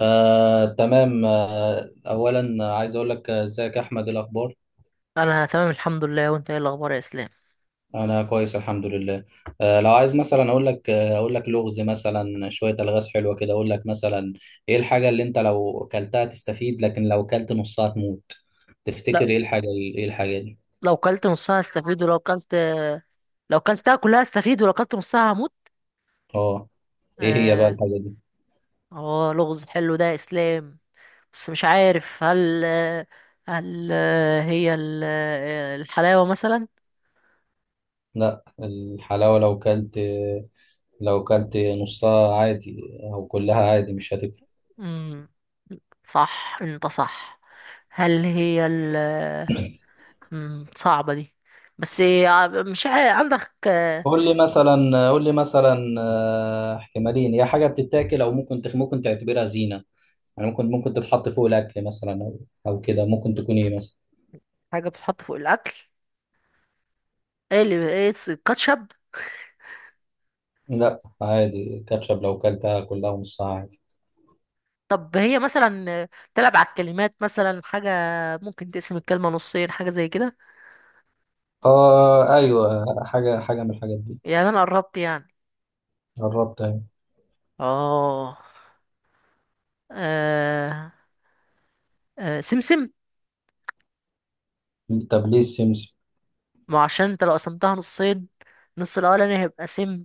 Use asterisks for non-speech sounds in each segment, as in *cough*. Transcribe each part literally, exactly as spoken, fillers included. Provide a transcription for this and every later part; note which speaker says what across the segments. Speaker 1: آه، تمام آه، أولا عايز أقول لك، آه، إزيك يا أحمد؟ إيه الأخبار؟
Speaker 2: انا تمام الحمد لله، وانت ايه الاخبار يا اسلام؟
Speaker 1: أنا كويس الحمد لله. آه، لو عايز مثلا أقول لك، آه، أقول لك لغز مثلا، شوية ألغاز حلوة كده. أقول لك مثلا: إيه الحاجة اللي أنت لو كلتها تستفيد لكن لو كلت نصها تموت؟
Speaker 2: لا.
Speaker 1: تفتكر إيه الحاجة؟ إيه الحاجة دي؟
Speaker 2: لو كلت نصها هستفيد ولو كلت لو كلتها كلها هستفيد ولو كلت نصها هموت.
Speaker 1: أه. إيه هي بقى
Speaker 2: اه.
Speaker 1: الحاجة دي؟
Speaker 2: آه، لغز حلو ده يا اسلام، بس مش عارف، هل هل هي ال- الحلاوة مثلا.
Speaker 1: لا الحلاوة لو كلت، لو كلت نصها عادي أو كلها عادي، مش هتفرق.
Speaker 2: مم، صح، انت صح. هل هي ال مم، صعبة دي. بس إيه، مش عارف، عندك آه،
Speaker 1: قول لي مثلا، قول لي مثلا، آه، احتمالين، يا حاجه بتتاكل او ممكن تخ... ممكن تعتبرها زينه. يعني ممكن، ممكن تتحط فوق الاكل مثلا، او او كده. ممكن تكون ايه مثلا؟
Speaker 2: حاجة بتتحط فوق الأكل. ايه اللي ايه الكاتشب؟
Speaker 1: لا عادي، كاتشب لو كلتها كلها ونص عادي.
Speaker 2: طب هي مثلا تلعب على الكلمات، مثلا حاجة ممكن تقسم الكلمة نصين، حاجة زي كده.
Speaker 1: اه ايوه، حاجه، حاجه من الحاجات دي.
Speaker 2: يعني أنا قربت يعني.
Speaker 1: قربت اهي.
Speaker 2: آه آه آه، سمسم.
Speaker 1: طب ليه السمسم؟
Speaker 2: ما عشان أنت لو قسمتها نصين، النص الأولاني هيبقى سم،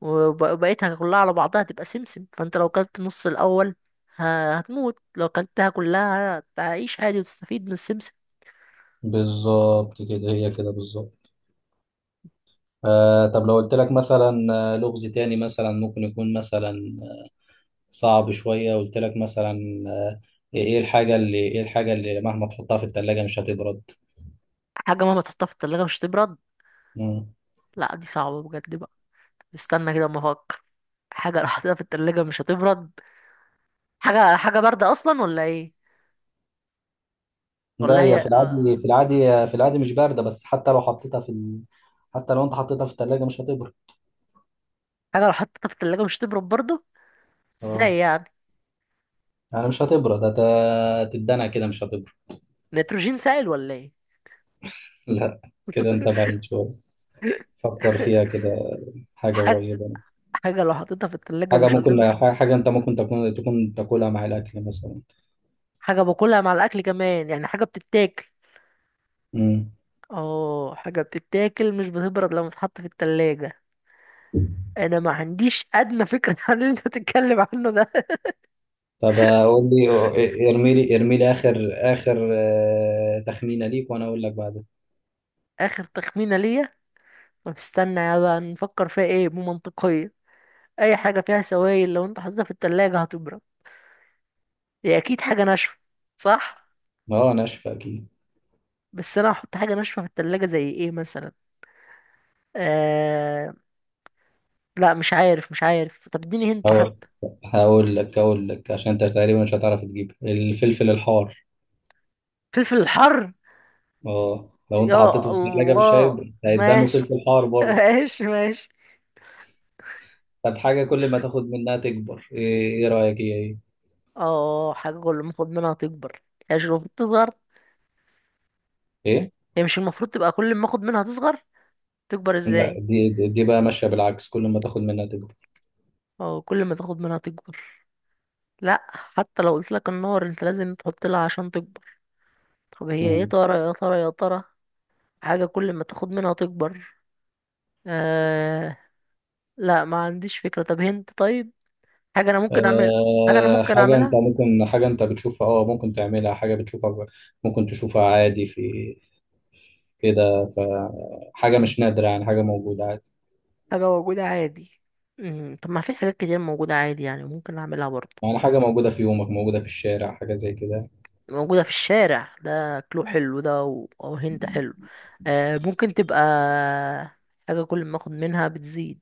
Speaker 2: وب- وبقيتها كلها على بعضها هتبقى سمسم، فأنت لو كلت النص الأول ه- هتموت، لو كلتها كلها هتعيش عادي وتستفيد من السمسم.
Speaker 1: بالظبط كده، هي كده بالظبط. آه طب لو قلت لك مثلا، آه، لغز تاني، مثلا ممكن يكون مثلا صعب شوية. قلت لك مثلا، آه، ايه الحاجة اللي ايه الحاجة اللي مهما تحطها في التلاجة مش هتبرد؟
Speaker 2: حاجة مهما تحطها في التلاجة مش هتبرد؟
Speaker 1: مم.
Speaker 2: لا، دي صعبة بجد بقى. استنى كده أما أفكر. حاجة لو حطيتها في التلاجة مش هتبرد. حاجة حاجة باردة أصلا ولا إيه؟
Speaker 1: لا
Speaker 2: ولا هي
Speaker 1: هي في العادي،
Speaker 2: آه،
Speaker 1: في العادي في العادي مش باردة، بس حتى لو حطيتها في ال... حتى لو انت حطيتها في التلاجة مش هتبرد.
Speaker 2: حاجة لو حطيتها في التلاجة مش تبرد برضه؟ إزاي
Speaker 1: اه
Speaker 2: يعني؟
Speaker 1: يعني مش هتبرد، هت- هتتدلع كده مش هتبرد.
Speaker 2: نيتروجين سائل ولا إيه؟
Speaker 1: *laughs* لا كده انت بعيد
Speaker 2: *laughs*
Speaker 1: شوية. فكر فيها كده، حاجة
Speaker 2: حاجة
Speaker 1: قريبة.
Speaker 2: حاجة لو حطيتها في التلاجة
Speaker 1: حاجة
Speaker 2: مش هتبرد.
Speaker 1: ممكن، حاجة انت ممكن تكون تكون تاكلها مع الأكل مثلا.
Speaker 2: حاجة باكلها مع الأكل كمان، يعني حاجة بتتاكل.
Speaker 1: مم.
Speaker 2: اه، حاجة بتتاكل مش بتبرد لما تتحط في التلاجة. أنا ما عنديش أدنى فكرة *laughs* عن اللي أنت بتتكلم عنه ده.
Speaker 1: طب اقول لي، ارمي لي، ارمي لي اخر، اخر آه، تخمينه ليك وانا اقول لك بعدها.
Speaker 2: آخر تخمينة ليا. طب استنى يا بقى نفكر فيها إيه، بمنطقية. أي حاجة فيها سوائل لو أنت حطيتها في التلاجة هتبرد، هي اكيد حاجه ناشفه، صح؟
Speaker 1: اه انا اشفى اكيد.
Speaker 2: بس انا هحط حاجه ناشفه في التلاجة زي ايه مثلا؟ آه... لا، مش عارف، مش عارف طب اديني هنت
Speaker 1: هقول
Speaker 2: حتى.
Speaker 1: هقول لك، هقول لك عشان انت تقريبا مش هتعرف تجيب: الفلفل الحار.
Speaker 2: فلفل الحر؟
Speaker 1: اه لو انت
Speaker 2: يا
Speaker 1: حطيته في الثلاجه مش
Speaker 2: الله
Speaker 1: هيكبر، هيتدنوا
Speaker 2: ماشي.
Speaker 1: فلفل حار
Speaker 2: *laughs*
Speaker 1: برضه.
Speaker 2: ماشي، ماشي.
Speaker 1: طب حاجه كل ما تاخد منها تكبر ايه, إيه رايك هي ايه؟
Speaker 2: اه حاجه كل ما اخد منها تكبر، هي مش المفروض تصغر؟
Speaker 1: ايه؟
Speaker 2: هي مش المفروض تبقى كل ما اخد منها تصغر؟ تكبر
Speaker 1: لا
Speaker 2: ازاي؟
Speaker 1: دي دي دي بقى ماشيه بالعكس، كل ما تاخد منها تكبر.
Speaker 2: اه، كل ما تاخد منها تكبر. لا، حتى لو قلت لك النار، انت لازم تحط لها عشان تكبر. طب هي ايه،
Speaker 1: مم.
Speaker 2: ترى يا ترى يا ترى؟ حاجه كل ما تاخد منها تكبر. آه... لا، ما عنديش فكرة، طب هنت طيب. حاجة أنا ممكن أعمل. حاجة أنا
Speaker 1: آه،
Speaker 2: ممكن
Speaker 1: حاجة أنت
Speaker 2: أعملها.
Speaker 1: ممكن، حاجة أنت بتشوفها، أه ممكن تعملها، حاجة بتشوفها، ممكن تشوفها عادي في كده. فحاجة مش نادرة يعني، حاجة موجودة عادي.
Speaker 2: حاجة موجودة عادي. مم. طب ما في حاجات كتير موجودة عادي يعني، ممكن أعملها برضه.
Speaker 1: يعني حاجة موجودة في يومك، موجودة في الشارع، حاجة زي كده.
Speaker 2: موجودة في الشارع، ده كلو حلو ده و- أو هنت حلو. آه ممكن تبقى حاجة كل ما باخد منها بتزيد.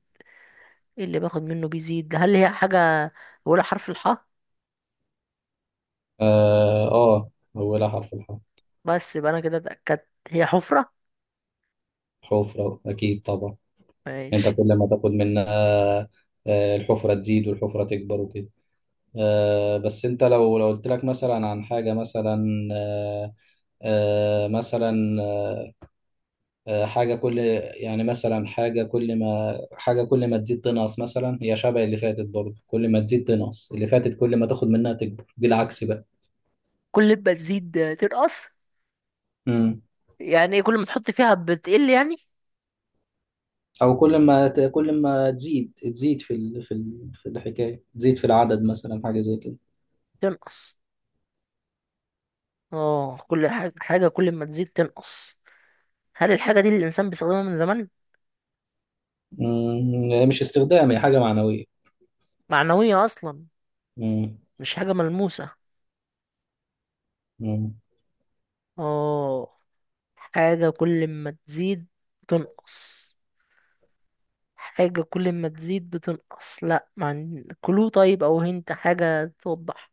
Speaker 2: إيه اللي باخد منه بيزيد؟ هل هي حاجة أولها حرف الحاء؟
Speaker 1: آه آه، أولها حرف الحرف.
Speaker 2: بس يبقى أنا كده اتأكدت، هي حفرة.
Speaker 1: حفرة أكيد طبعا. أنت
Speaker 2: ماشي.
Speaker 1: كل ما تاخد منها، آه، الحفرة تزيد، والحفرة تكبر وكده. آه بس أنت لو لو قلت لك مثلا عن حاجة مثلا، آه آه مثلا آه، آه، حاجة كل، يعني مثلا حاجة كل ما حاجة كل ما تزيد تنقص مثلا. هي شبه اللي فاتت برضه، كل ما تزيد تنقص. اللي فاتت كل ما تاخد منها تكبر، دي العكس بقى.
Speaker 2: كل ما تزيد تنقص؟
Speaker 1: امم.
Speaker 2: يعني إيه، كل ما تحط فيها بتقل يعني؟
Speaker 1: أو كل ما ت... كل ما تزيد، تزيد في ال... في ال... في الحكاية، تزيد في العدد مثلا، حاجة زي كده.
Speaker 2: تنقص. اه، كل حاجة حاجة كل ما تزيد تنقص. هل الحاجة دي اللي الإنسان بيستخدمها من زمان؟
Speaker 1: امم مش استخدام، هي حاجة معنوية.
Speaker 2: معنوية أصلا؟
Speaker 1: امم.
Speaker 2: مش حاجة ملموسة؟
Speaker 1: امم.
Speaker 2: اه. حاجة كل ما تزيد تنقص. حاجة كل ما تزيد بتنقص، لا مع كلو طيب، أو هنت حاجة توضح.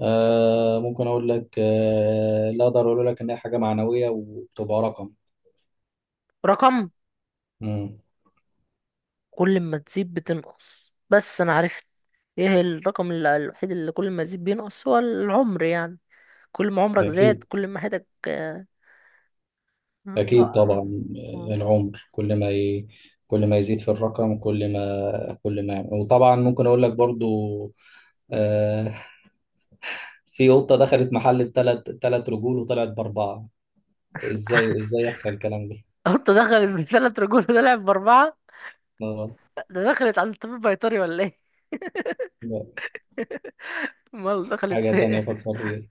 Speaker 1: آه ممكن أقول لك، آه لا أقدر أقول لك إن هي حاجة معنوية وبتبقى رقم.
Speaker 2: رقم؟
Speaker 1: امم.
Speaker 2: كل ما تزيد بتنقص، بس أنا عرفت. ايه الرقم ال- الوحيد اللي كل ما يزيد بينقص؟ هو العمر يعني. كل ما عمرك زاد،
Speaker 1: أكيد،
Speaker 2: كل ما حياتك آه، الله.
Speaker 1: أكيد طبعا. آه، العمر كل ما ي... كل ما يزيد في الرقم، كل ما كل ما وطبعا ممكن أقول لك برضو، آه، في قطة دخلت محل بثلاث، ثلاث رجول، وطلعت بأربعة. إزاي
Speaker 2: *laughs*
Speaker 1: إزاي يحصل الكلام ده؟
Speaker 2: قط دخلت من ثلاث رجول طلعت بأربعة؟
Speaker 1: آه،
Speaker 2: ده دخلت على الطبيب بيطري ولا ايه؟
Speaker 1: لا.
Speaker 2: *laughs* امال
Speaker 1: *laughs*
Speaker 2: دخلت
Speaker 1: حاجة
Speaker 2: في
Speaker 1: تانية
Speaker 2: ايه؟
Speaker 1: فكر فيها.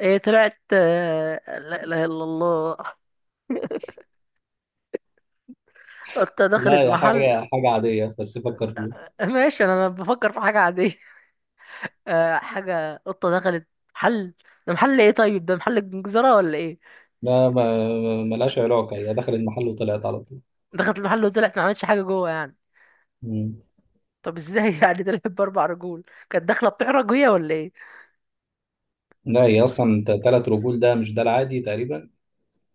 Speaker 2: إيه طلعت، آه، لا إله إلا الله. قطة
Speaker 1: لا
Speaker 2: دخلت
Speaker 1: يا
Speaker 2: محل.
Speaker 1: حاجة، حاجة عادية بس فكر فيها.
Speaker 2: ماشي أنا بفكر في حاجة عادية. *laughs* آه، حاجة، قطة دخلت محل. ده محل ايه طيب؟ ده محل جزرة ولا ايه؟
Speaker 1: لا ما ما- ملهاش علاقة، هي دخلت محل وطلعت على طول.
Speaker 2: دخلت المحل وطلعت، ما عملتش حاجة جوه يعني؟
Speaker 1: مم.
Speaker 2: طب ازاي *laughs* يعني طلعت بأربع رجول؟ كانت داخلة بتحرج هي ولا ايه؟
Speaker 1: لا هي أصلا ثلاث رجول، ده مش ده العادي تقريبا.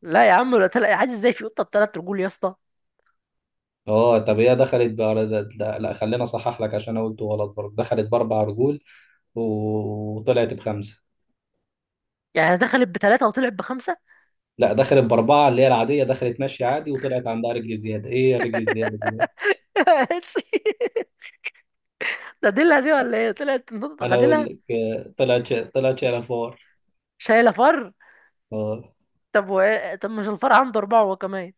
Speaker 2: لا يا عم، ولا طلع عادي، ازاي في قطة بثلاث رجول يا اسطى؟
Speaker 1: اه طب هي دخلت بأر... ده- ده- لا خلينا اصحح لك عشان انا قلته غلط برضه، دخلت باربع رجول، و- وطلعت بخمسه.
Speaker 2: يعني دخلت بثلاثة وطلعت بخمسة؟
Speaker 1: لا دخلت باربعه اللي هي العاديه، دخلت ماشيه عادي، وطلعت عندها رجل زياده. ايه يا رجل زياده دي؟
Speaker 2: *laughs* ماشي. ده ديلها دي ولا ايه، طلعت نقطة
Speaker 1: انا اقول
Speaker 2: غديلها؟
Speaker 1: لك، آه، طلعت شا- طلعت شايله فار.
Speaker 2: شايلة فر.
Speaker 1: اه.
Speaker 2: طب و... طب مش الفر عنده أربعة هو كمان؟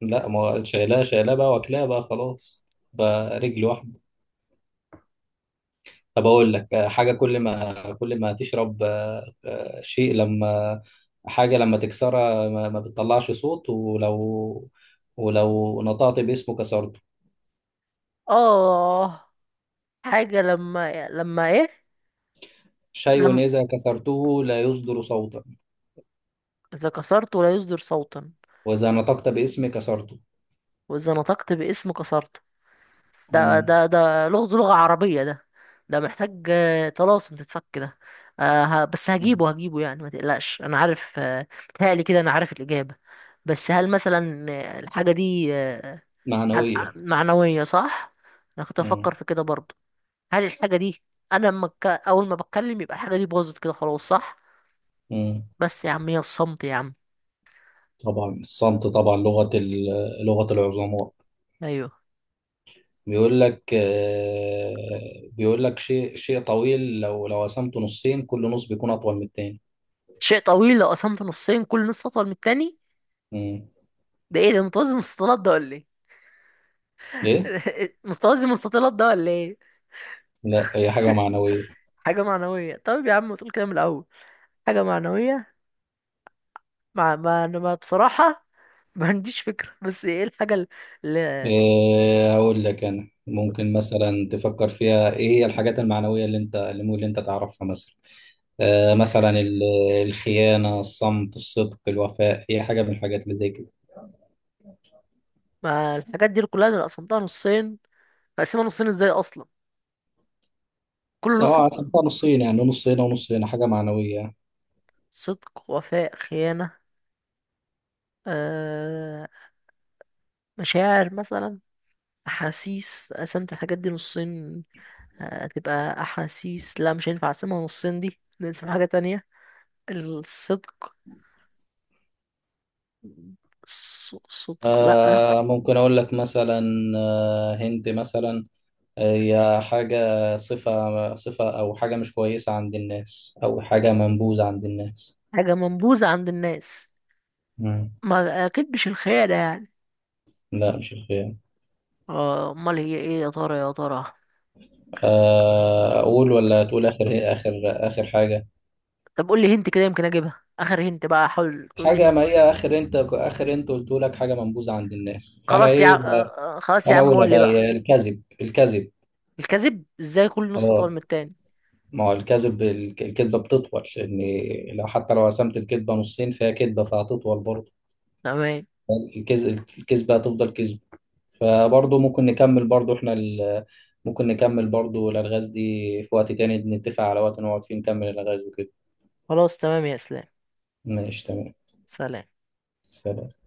Speaker 1: لا ما هو شايلاه، شايلاه بقى واكلاه بقى خلاص، بقى رجل واحده. طب اقول لك، آه، حاجه كل ما كل ما تشرب، آه، آه، شيء لما، حاجه لما تكسرها ما, ما بتطلعش صوت، ولو ولو نطقت باسمه كسرته.
Speaker 2: اه. حاجة لما لما ايه؟
Speaker 1: شيء
Speaker 2: لما
Speaker 1: اذا كسرته لا يصدر صوتا،
Speaker 2: إذا كسرته لا يصدر صوتا،
Speaker 1: واذا نطقت باسمه كسرته.
Speaker 2: وإذا نطقت باسم كسرته. ده
Speaker 1: مم.
Speaker 2: ده ده لغز لغة عربية ده. ده محتاج آه، طلاسم تتفك ده. آه ه- بس هجيبه هجيبه يعني، ما تقلقش أنا عارف، آه، متهيألي كده أنا عارف الإجابة. بس هل مثلا آه، الحاجة دي آه، حاجة
Speaker 1: معنويه.
Speaker 2: معنوية، صح؟ أنا كنت
Speaker 1: مم.
Speaker 2: أفكر في كده برضه. هل الحاجة دي، أنا لما اتك- أول ما بتكلم يبقى الحاجة دي باظت كده خلاص، صح؟
Speaker 1: مم.
Speaker 2: بس يا عم هي الصمت يا عم.
Speaker 1: طبعا الصمت طبعا، لغه ال- لغه العظماء.
Speaker 2: أيوه.
Speaker 1: بيقول لك، آه، بيقول لك شيء شيء طويل، لو لو قسمته نصين كل نص بيكون اطول من التاني.
Speaker 2: شيء طويل لو قسمته نصين كل نص أطول من التاني.
Speaker 1: مم.
Speaker 2: ده إيه ده، متوازي المستطيلات ده ولا إيه؟
Speaker 1: ايه؟
Speaker 2: *laughs* متوازي المستطيلات ده ولا إيه؟
Speaker 1: لا هي حاجة
Speaker 2: *laughs*
Speaker 1: معنوية.
Speaker 2: حاجة معنوية، طيب يا عم ما تقول كده من الأول. حاجة معنوية. مع ما أنا ما- بصراحة *laughs* ما عنديش فكرة، بس إيه الحاجة اللي...
Speaker 1: إيه أقول لك، أنا ممكن مثلا تفكر فيها، إيه هي الحاجات المعنوية اللي أنت، اللي ممكن أنت تعرفها مثلا. آه مثلا ال- الخيانة، الصمت، الصدق، الوفاء، هي حاجة من الحاجات اللي زي كده.
Speaker 2: ما الحاجات دي كلها أنا قسمتها نصين، بقسمها نصين إزاي أصلا؟ كل نص.
Speaker 1: سواء عشان كده نصين، يعني نص هنا ونص هنا، حاجة معنوية يعني.
Speaker 2: صدق، وفاء، خيانة. أه... مشاعر مثلا، احاسيس قسمت الحاجات دي نصين هتبقى احاسيس. لا، مش هينفع اقسمها نصين، دي نقسم حاجة تانية. الصدق. الص- صدق، لا.
Speaker 1: آه ممكن أقول لك مثلا، آه هند مثلا، آه، هي حاجة، صفة صفة أو حاجة مش كويسة عند الناس، أو حاجة منبوذة عند الناس.
Speaker 2: حاجة منبوذة عند الناس.
Speaker 1: مم.
Speaker 2: ما اكيد مش الخيانة يعني.
Speaker 1: لا مش الخيانة.
Speaker 2: آه، امال هي ايه يا ترى يا ترى؟
Speaker 1: آه، اقول ولا تقول؟ اخر، هي اخر اخر حاجه.
Speaker 2: طب قول لي هنت كده يمكن اجيبها، اخر هنت بقى، حاول تقول لي
Speaker 1: حاجه،
Speaker 2: هنت.
Speaker 1: ما هي اخر انت، اخر انت قلت لك حاجه منبوذه عند الناس، فانا
Speaker 2: خلاص يا ع-
Speaker 1: ايه بقى،
Speaker 2: آه، آه، خلاص يا
Speaker 1: فانا
Speaker 2: عم
Speaker 1: اقولها
Speaker 2: قول لي
Speaker 1: بقى،
Speaker 2: بقى.
Speaker 1: هي الكذب. الكذب
Speaker 2: الكذب ازاي كل نص اطول من
Speaker 1: اه.
Speaker 2: التاني؟
Speaker 1: ما هو الكذب، الك- الكذبه بتطول، لان لو حتى لو قسمت الكذبه نصين فهي كذبه فهتطول برضه.
Speaker 2: تمام.
Speaker 1: الكذب، الكذبه هتفضل كذب. فبرضه ممكن نكمل برضه احنا ال... ممكن نكمل برضه الالغاز دي في وقت تاني، نتفق على وقت نقعد فيه نكمل الالغاز وكده.
Speaker 2: خلاص تمام يا اسلام.
Speaker 1: ماشي تمام.
Speaker 2: سلام.
Speaker 1: سلام.